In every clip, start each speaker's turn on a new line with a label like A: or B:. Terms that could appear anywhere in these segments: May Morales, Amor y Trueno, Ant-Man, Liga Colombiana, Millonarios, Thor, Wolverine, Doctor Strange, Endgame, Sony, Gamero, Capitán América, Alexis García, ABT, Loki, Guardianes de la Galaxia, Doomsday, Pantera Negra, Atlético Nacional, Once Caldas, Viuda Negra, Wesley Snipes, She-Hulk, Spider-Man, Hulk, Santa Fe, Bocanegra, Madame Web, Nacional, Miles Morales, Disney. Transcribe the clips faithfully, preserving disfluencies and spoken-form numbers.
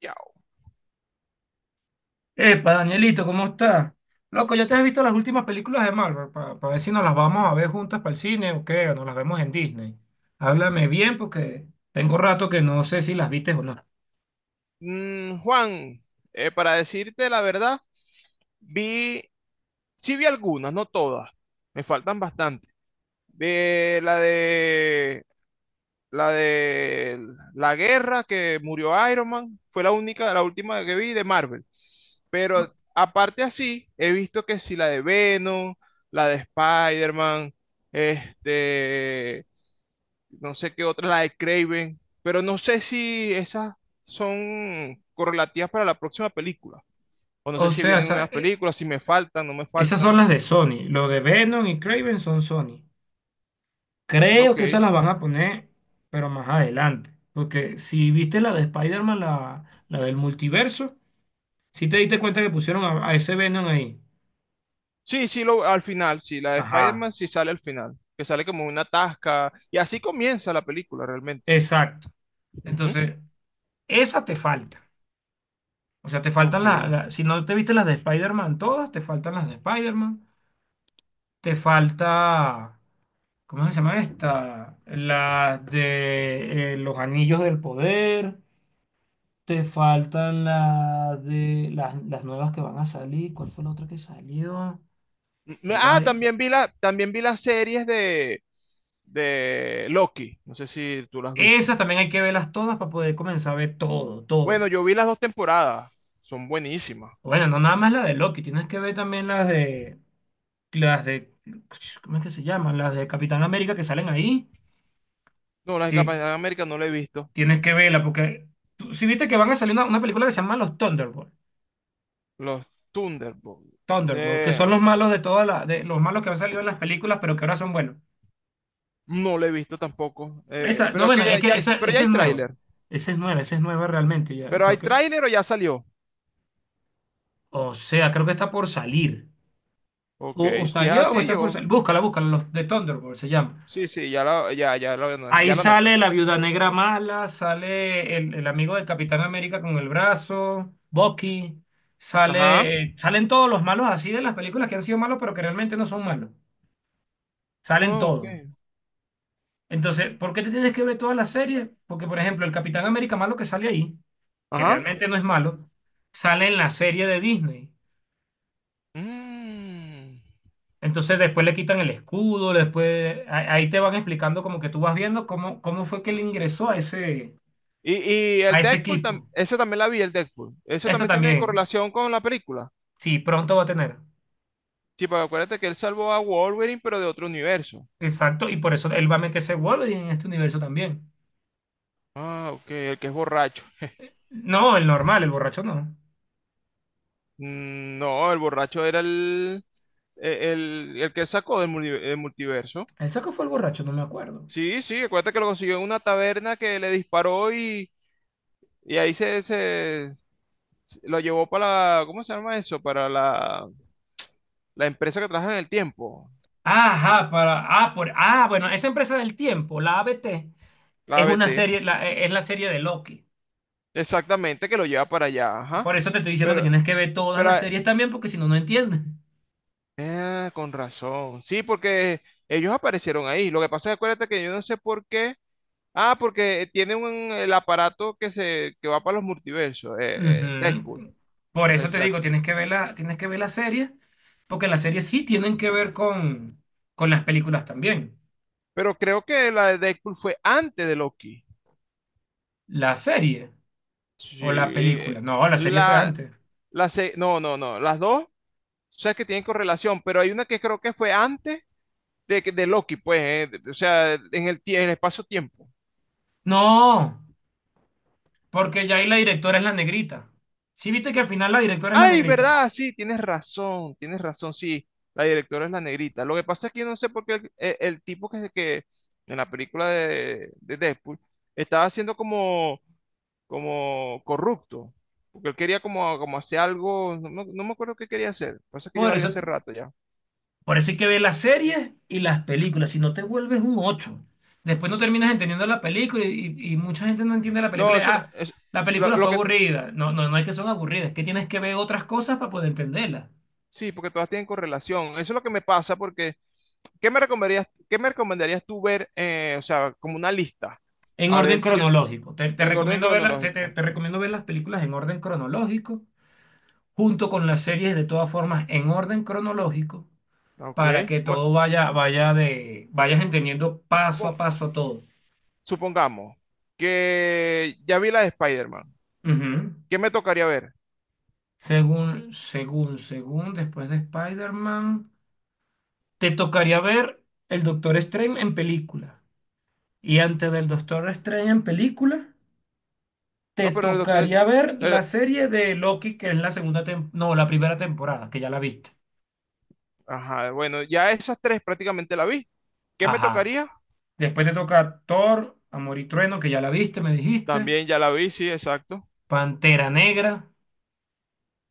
A: Ya.
B: Epa, Danielito, ¿cómo estás? Loco, ¿ya te has visto las últimas películas de Marvel? Para ver si nos las vamos a ver juntas para el cine o qué, o nos las vemos en Disney. Háblame bien porque tengo rato que no sé si las viste o no.
A: Mm, Juan, eh, para decirte la verdad, vi, sí vi algunas, no todas, me faltan bastante. De la de la de la guerra que murió Iron Man, fue la única, la última que vi de Marvel.
B: O
A: Pero aparte así, he visto que sí la de Venom, la de Spider-Man, este, no sé qué otra, la de Craven, pero no sé si esas son correlativas para la próxima película. O no sé
B: o
A: si
B: sea,
A: vienen
B: esa-
A: unas
B: eh,
A: películas, si me faltan, no me
B: esas son
A: faltan.
B: las de Sony. Lo de Venom y Craven son Sony. Creo
A: Ok.
B: que esas las van a poner, pero más adelante. Porque si viste la de Spider-Man, la, la del multiverso, si te diste cuenta que pusieron a, a ese Venom ahí.
A: Sí, sí, lo, al final, sí, la de
B: Ajá,
A: Spider-Man sí sale al final, que sale como una tasca, y así comienza la película realmente.
B: exacto.
A: Ujú.
B: Entonces, esa te falta. O sea, te faltan
A: Ok.
B: las, la- si no te viste las de Spider-Man todas, te faltan las de Spider-Man. Te falta, ¿cómo se llama esta? Las de eh, los Anillos del Poder. Te faltan las de las, las nuevas que van a salir. ¿Cuál fue la otra que salió?
A: Mm,
B: Hay
A: Ah,
B: varias.
A: también vi la, también vi las series de, de Loki, no sé si tú las has visto.
B: Esas también hay que verlas todas para poder comenzar a ver todo, todo.
A: Bueno, yo vi las dos temporadas, son buenísimas.
B: Bueno, no nada más la de Loki, tienes que ver también las de las de ¿cómo es que se llaman? Las de Capitán América que salen ahí
A: No, las de
B: que
A: Capitán América no la he visto,
B: Tienes que verla porque tú- si viste que van a salir una, una película que se llama Los Thunderbolts,
A: los Thunderbolts,
B: Thunderbolts, que
A: de...
B: son los malos de todas las de los malos que han salido en las películas, pero que ahora son buenos.
A: no la he visto tampoco. Eh, eh,
B: Esa, no,
A: pero,
B: bueno,
A: aquella
B: es que
A: ya, ya-
B: esa,
A: pero ya
B: esa
A: hay
B: es nueva.
A: tráiler.
B: Esa es nueva, esa es nueva realmente, ya
A: ¿Pero hay
B: creo que.
A: tráiler o ya salió?
B: O sea, creo que está por salir. O,
A: Ok,
B: o
A: si es
B: salió o
A: así,
B: está por
A: yo.
B: salir. Búscala, búscala, los de Thunderbolts se llama.
A: Sí, sí, ya la, ya, ya lo, ano-
B: Ahí
A: ya lo anoté.
B: sale la Viuda Negra mala, sale el, el amigo del Capitán América con el brazo, Bucky,
A: Ajá.
B: sale, eh, salen todos los malos así de las películas que han sido malos, pero que realmente no son malos. Salen
A: No, ok.
B: todos. Entonces, ¿por qué te tienes que ver todas las series? Porque, por ejemplo, el Capitán América malo que sale ahí, que
A: Ajá.
B: realmente no es malo, sale en la serie de Disney.
A: Mm.
B: Entonces después le quitan el escudo, después a- ahí te van explicando como que tú vas viendo cómo, cómo fue que él ingresó a ese,
A: Y, y
B: a
A: el
B: ese
A: Deadpool, tam-
B: equipo.
A: ese también la vi, el Deadpool. Ese
B: Eso
A: también tiene
B: también,
A: correlación con la película.
B: sí, pronto va a tener.
A: Sí, pero acuérdate que él salvó a Wolverine, pero de otro universo.
B: Exacto, y por eso él va a meterse Wolverine en este universo también.
A: Ah, ok, el que es borracho.
B: No, el normal, el borracho no.
A: Mm, No, el borracho era el, e, el, el que sacó del muni- del multiverso.
B: ¿El saco fue el borracho? No me acuerdo.
A: Sí, sí, acuérdate que lo consiguió en una taberna que le disparó y, Y ahí se, se- lo llevó para la, ¿cómo se llama eso? Para la, la empresa que trabaja en el tiempo,
B: Ajá, para, ah, por, ah, bueno, esa empresa del tiempo, la A B T,
A: la
B: es una
A: A B T.
B: serie, la- e, es la serie de Loki.
A: Exactamente, que lo lleva para allá, ajá.
B: Por eso te estoy diciendo que
A: Pero,
B: tienes que ver todas
A: pero,
B: las
A: ah,
B: series también, porque si no, no entiendes.
A: eh, con razón. Sí, porque ellos aparecieron ahí. Lo que pasa es, acuérdate que yo no sé por qué. Ah, porque tiene un, el aparato que se, que va para los multiversos, eh, eh, Deadpool.
B: Ujú. Por eso te digo,
A: Exacto.
B: tienes que ver la, tienes que ver la serie, porque las series sí tienen que ver con, con las películas también.
A: Pero creo que la de Deadpool fue antes de Loki.
B: La serie o la
A: Sí.
B: película. No, la serie fue
A: La,
B: antes.
A: la, se- no, no, no. Las dos, o sea, que tienen correlación, pero hay una que creo que fue antes de, de Loki, pues, eh, de- o sea, en el, tie- en el espacio-tiempo.
B: No, porque ya ahí la directora es la negrita. Sí, viste que al final la directora es la
A: Ay,
B: negrita.
A: ¿verdad? Sí, tienes razón, tienes razón, sí, la directora es la negrita. Lo que pasa es que yo no sé por qué el, el- el tipo que, que en la película de, de Deadpool estaba siendo como, como corrupto, porque él quería como, como hacer algo, no, no- no me acuerdo qué quería hacer. Lo que pasa es que yo
B: Por
A: la vi
B: eso.
A: hace rato ya.
B: Por eso hay que ver las series y las películas, si no te vuelves un ocho. Después no terminas entendiendo la película y, y- y mucha gente no entiende la
A: No,
B: película. y,
A: eso,
B: Ah,
A: es-
B: la
A: lo
B: película
A: lo
B: fue
A: que,
B: aburrida. No, no, no es que son aburridas, es que tienes que ver otras cosas para poder entenderlas.
A: sí, porque todas tienen correlación, eso es lo que me pasa porque... ¿Qué me recomendarías, qué me recomendarías tú ver, eh, o sea, como una lista?
B: En
A: A
B: orden
A: ver si yo,
B: cronológico. Te, te
A: en orden
B: recomiendo ver la- te, te-
A: cronológico.
B: te recomiendo ver las películas en orden cronológico, junto con las series de todas formas en orden cronológico,
A: Ok.
B: para que
A: Bueno,
B: todo vaya, vaya de, vayas entendiendo paso a
A: supon-
B: paso todo.
A: supongamos que ya vi la de Spider-Man.
B: Ujú.
A: ¿Qué me tocaría ver?
B: Según, según, según, después de Spider-Man, te tocaría ver el Doctor Strange en película. Y antes del Doctor Strange en película, te
A: No, pero el doctor...
B: tocaría ver la
A: el-
B: serie de Loki, que es la segunda tem- no, la primera temporada, que ya la viste.
A: ajá, bueno, ya esas tres prácticamente la vi. ¿Qué me
B: Ajá.
A: tocaría?
B: Después te toca Thor, Amor y Trueno, que ya la viste, me dijiste.
A: También ya la vi, sí, exacto.
B: Pantera Negra,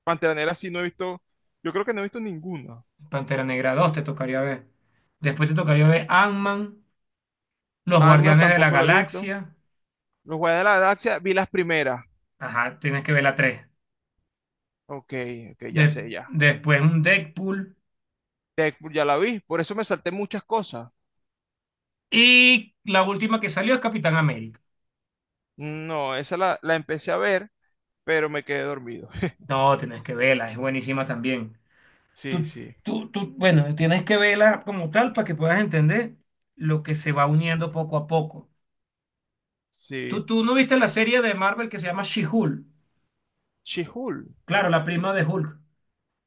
A: Pantera Negra sí no he visto, yo creo que no he visto ninguna.
B: Pantera Negra dos te tocaría ver. Después te tocaría ver Ant-Man, Los
A: Alma
B: Guardianes de la
A: tampoco la he visto.
B: Galaxia.
A: Los Guardianes de la Galaxia vi las primeras.
B: Ajá, tienes que ver la tres
A: Ok, ok, ya
B: de-
A: sé, ya.
B: después un Deadpool.
A: Deadpool ya la vi, por eso me salté muchas cosas.
B: Y la última que salió es Capitán América.
A: No, esa la, la empecé a ver, pero me quedé dormido.
B: No, tienes que verla, es buenísima también.
A: Sí,
B: Tú,
A: sí,
B: tú, tú, bueno, tienes que verla como tal para que puedas entender lo que se va uniendo poco a poco.
A: sí.
B: ¿Tú, tú no viste la serie de Marvel que se llama She-Hulk?
A: She-Hulk.
B: Claro, la prima de Hulk,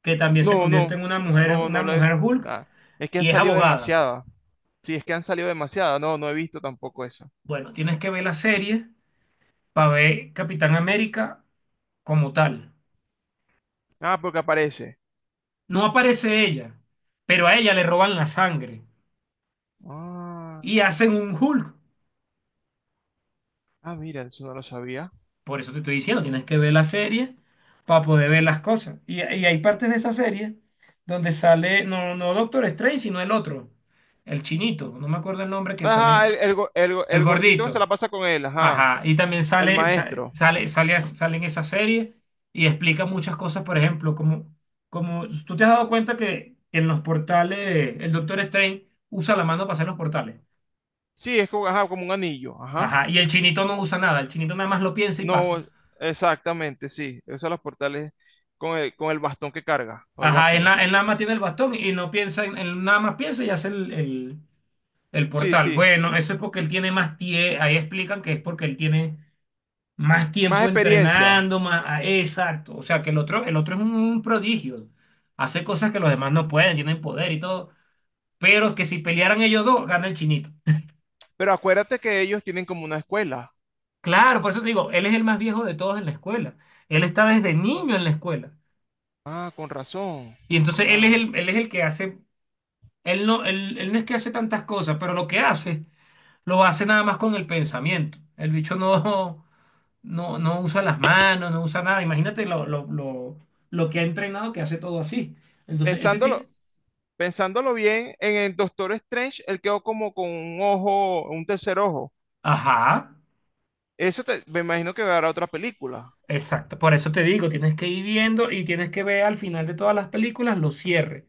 B: que también se
A: No,
B: convierte
A: no,
B: en una mujer,
A: no,
B: una
A: no la he.
B: mujer Hulk
A: Nada. Es que han
B: y es
A: salido
B: abogada.
A: demasiadas. Sí, es que han salido demasiadas. No, no he visto tampoco esa.
B: Bueno, tienes que ver la serie para ver Capitán América como tal.
A: Ah, porque aparece.
B: No aparece ella, pero a ella le roban la sangre
A: Ah,
B: y hacen un Hulk.
A: ah, mira, eso no lo sabía.
B: Por eso te estoy diciendo, tienes que ver la serie para poder ver las cosas. Y, y hay partes de esa serie donde sale, no, no Doctor Strange, sino el otro, el chinito, no me acuerdo el nombre que
A: Ajá, el,
B: también,
A: el, go- el go-
B: el
A: el gordito que se la
B: gordito.
A: pasa con él, ajá.
B: Ajá, y también
A: El
B: sale, sa-
A: maestro.
B: sale, sale, sale en esa serie y explica muchas cosas, por ejemplo, como, como tú te has dado cuenta que en los portales el Doctor Strange usa la mano para hacer los portales.
A: Sí, es como, ajá, como un anillo, ajá.
B: Ajá, y el chinito no usa nada, el chinito nada más lo piensa y pasa.
A: No, exactamente, sí. Usa los portales con el, con el bastón que carga, o el
B: Ajá, él,
A: báculo.
B: na- él nada más tiene el bastón y no piensa, en- él nada más piensa y hace el, el- el
A: Sí,
B: portal.
A: sí.
B: Bueno, eso es porque él tiene más tiempo, ahí explican que es porque él tiene más
A: Más
B: tiempo
A: experiencia.
B: entrenando, más, ah, exacto, o sea que el otro, el otro es un, un prodigio, hace cosas que los demás no pueden, tienen poder y todo, pero que si pelearan ellos dos, gana el chinito.
A: Pero acuérdate que ellos tienen como una escuela.
B: Claro, por eso te digo, él es el más viejo de todos en la escuela, él está desde niño en la escuela.
A: Ah, con razón.
B: Y entonces él es
A: Ah.
B: el, él es el que hace Él no, él, él no es que hace tantas cosas, pero lo que hace, lo hace nada más con el pensamiento. El bicho no, no, no usa las manos, no usa nada. Imagínate lo, lo, lo, lo que ha entrenado que hace todo así. Entonces, ese
A: Pensándolo,
B: tiene...
A: pensándolo bien, en el Doctor Strange, él quedó como con un ojo, un tercer ojo.
B: Ajá,
A: Eso te- me imagino que dará otra película.
B: exacto. Por eso te digo, tienes que ir viendo y tienes que ver al final de todas las películas los cierres.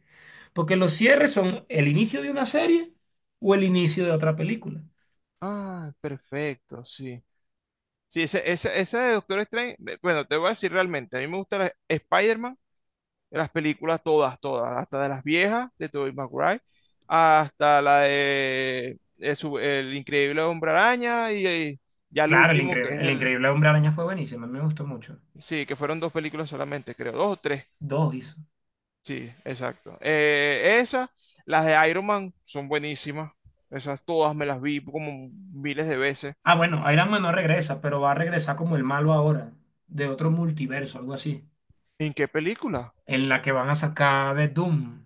B: Porque los cierres son el inicio de una serie o el inicio de otra película.
A: Ah, perfecto, sí. Sí, ese, ese, ese de Doctor Strange, eh, bueno, te voy a decir realmente, a mí me gusta la- Spider-Man. De las películas todas, todas, hasta de las viejas de Tobey Maguire, hasta la de, de su- El Increíble Hombre Araña y, y ya el
B: Claro, el
A: último que
B: increíble,
A: es
B: el
A: el,
B: increíble Hombre Araña fue buenísimo, a mí me gustó mucho.
A: sí, que fueron dos películas solamente, creo, dos o tres,
B: Dos hizo.
A: sí, exacto. Eh, esas, las de Iron Man son buenísimas, esas todas me las vi como miles de veces.
B: Ah, bueno, Iron Man no regresa, pero va a regresar como el malo ahora, de otro multiverso, algo así,
A: ¿En qué película?
B: en la que van a sacar de Doom.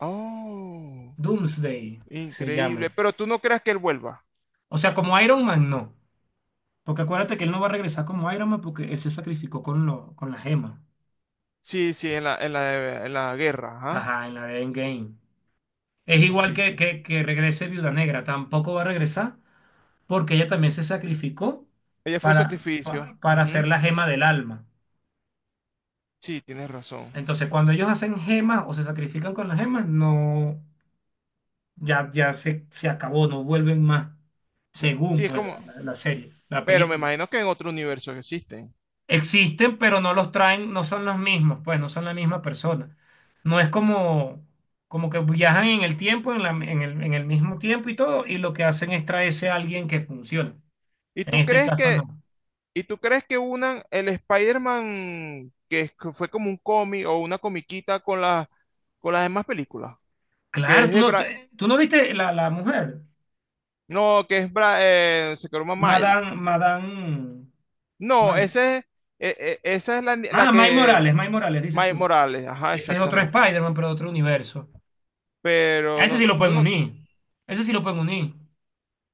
A: Oh,
B: Doomsday se
A: increíble,
B: llama.
A: pero tú no creas que él vuelva.
B: O sea, como Iron Man no, porque acuérdate que él no va a regresar como Iron Man porque él se sacrificó con, lo, con la gema.
A: Sí, sí, en la, en la, en la guerra, ajá.
B: Ajá, en la de Endgame. Es igual
A: Sí,
B: que,
A: sí.
B: que, que regrese Viuda Negra, tampoco va a regresar porque ella también se sacrificó
A: Ella fue un
B: para,
A: sacrificio.
B: pa- para
A: Ujú.
B: hacer la gema del alma.
A: Sí, tienes razón.
B: Entonces, cuando ellos hacen gemas o se sacrifican con las gemas, no. ya, ya se, se acabó, no vuelven más, según
A: Sí, es
B: pues la,
A: como,
B: la- la serie, la
A: pero me
B: película.
A: imagino que en otro universo existen.
B: Existen, pero no los traen, no son los mismos, pues no son la misma persona. No es como, como que viajan en el tiempo, en la- en el, en el mismo tiempo y todo, y lo que hacen es traerse a alguien que funcione.
A: ¿Y
B: En
A: tú
B: este
A: crees
B: caso
A: que,
B: no.
A: y tú crees que unan el Spider-Man que es- que fue como un cómic o una comiquita con las con las demás películas? Que
B: Claro,
A: es
B: tú
A: de
B: no, tú,
A: Bra-
B: eh, tú no viste la, la mujer,
A: no, que es Bra- eh, se llama
B: Madame,
A: Miles.
B: Madame,
A: No,
B: May.
A: ese es- e- e- esa es la, la
B: Ah, May
A: que
B: Morales, May Morales, dices
A: Miles
B: tú.
A: Morales, ajá,
B: Ese es otro
A: exactamente.
B: Spider-Man, pero de otro universo. A
A: Pero
B: ese
A: no,
B: sí lo
A: tú
B: pueden
A: no,
B: unir. Ese sí lo pueden unir.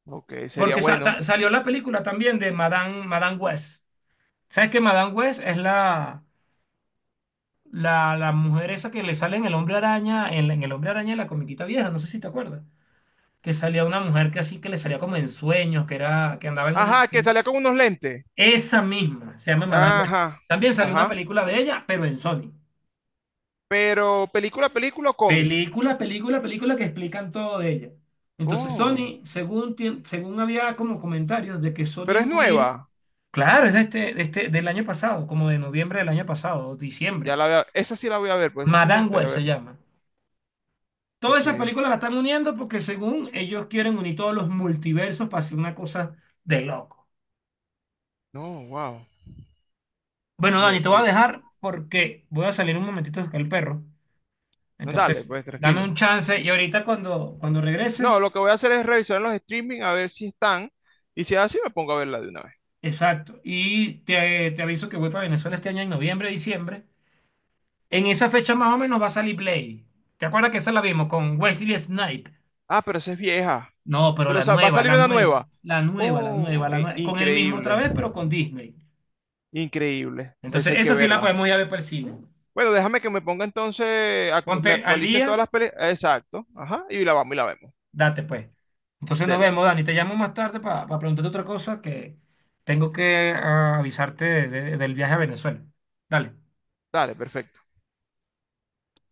A: ok, sería
B: Porque sa-
A: bueno.
B: ta- salió la película también de Madame, Madame West. ¿Sabes que Madame West es la, la, la mujer esa que le sale en el Hombre Araña, en, la- en el Hombre Araña de la comiquita vieja? No sé si te acuerdas. Que salía una mujer que así que le salía como en sueños, que era, que andaba en un.
A: Ajá, que
B: En-
A: salía con unos lentes.
B: Esa misma, se llama Madame West.
A: Ajá,
B: También salió una
A: ajá.
B: película de ella, pero en Sony.
A: Pero película, película o cómic.
B: Película, película, película que explican todo de ella. Entonces
A: Oh,
B: Sony, según, tien- según había como comentarios de que Sony
A: pero es
B: iba a unir
A: nueva.
B: Claro, es de este, de este, del año pasado, como de noviembre del año pasado, o
A: Ya
B: diciembre.
A: la voy a- esa sí la voy a ver, pues esa sí me
B: Madame Web
A: gustaría
B: se
A: verla.
B: llama. Todas esas
A: Ok.
B: películas las están uniendo porque según ellos quieren unir todos los multiversos para hacer una cosa de loco.
A: No, wow.
B: Bueno, Dani,
A: De-
B: te voy a
A: de-
B: dejar porque voy a salir un momentito con el perro.
A: no, dale,
B: Entonces,
A: pues
B: dame
A: tranquilo.
B: un chance y ahorita cuando, cuando regrese,
A: No, lo que voy a hacer es revisar los streaming a ver si están. Y si es así, me pongo a verla de una vez.
B: exacto. Y te, te aviso que voy para Venezuela este año en noviembre, diciembre. En esa fecha más o menos va a salir Blade. ¿Te acuerdas que esa la vimos con Wesley Snipes?
A: Ah, pero esa es vieja.
B: No, pero
A: Pero
B: la
A: sa- va a
B: nueva,
A: salir
B: la
A: una
B: nueva,
A: nueva.
B: la nueva, la nueva,
A: Oh,
B: la
A: i-
B: nueva. Con el mismo otra
A: increíble.
B: vez, pero con Disney.
A: Increíble. Esa
B: Entonces,
A: hay que
B: esa sí la
A: verla.
B: podemos ir a ver para el cine.
A: Bueno, déjame que me ponga entonces, actu- me
B: Ponte al
A: actualicen todas
B: día,
A: las películas. Exacto. Ajá. Y la vamos y la vemos.
B: date pues. Entonces nos
A: Dale,
B: vemos,
A: pues.
B: Dani. Te llamo más tarde para preguntarte otra cosa que tengo que ah, avisarte de- de- del viaje a Venezuela. Dale.
A: Dale, perfecto.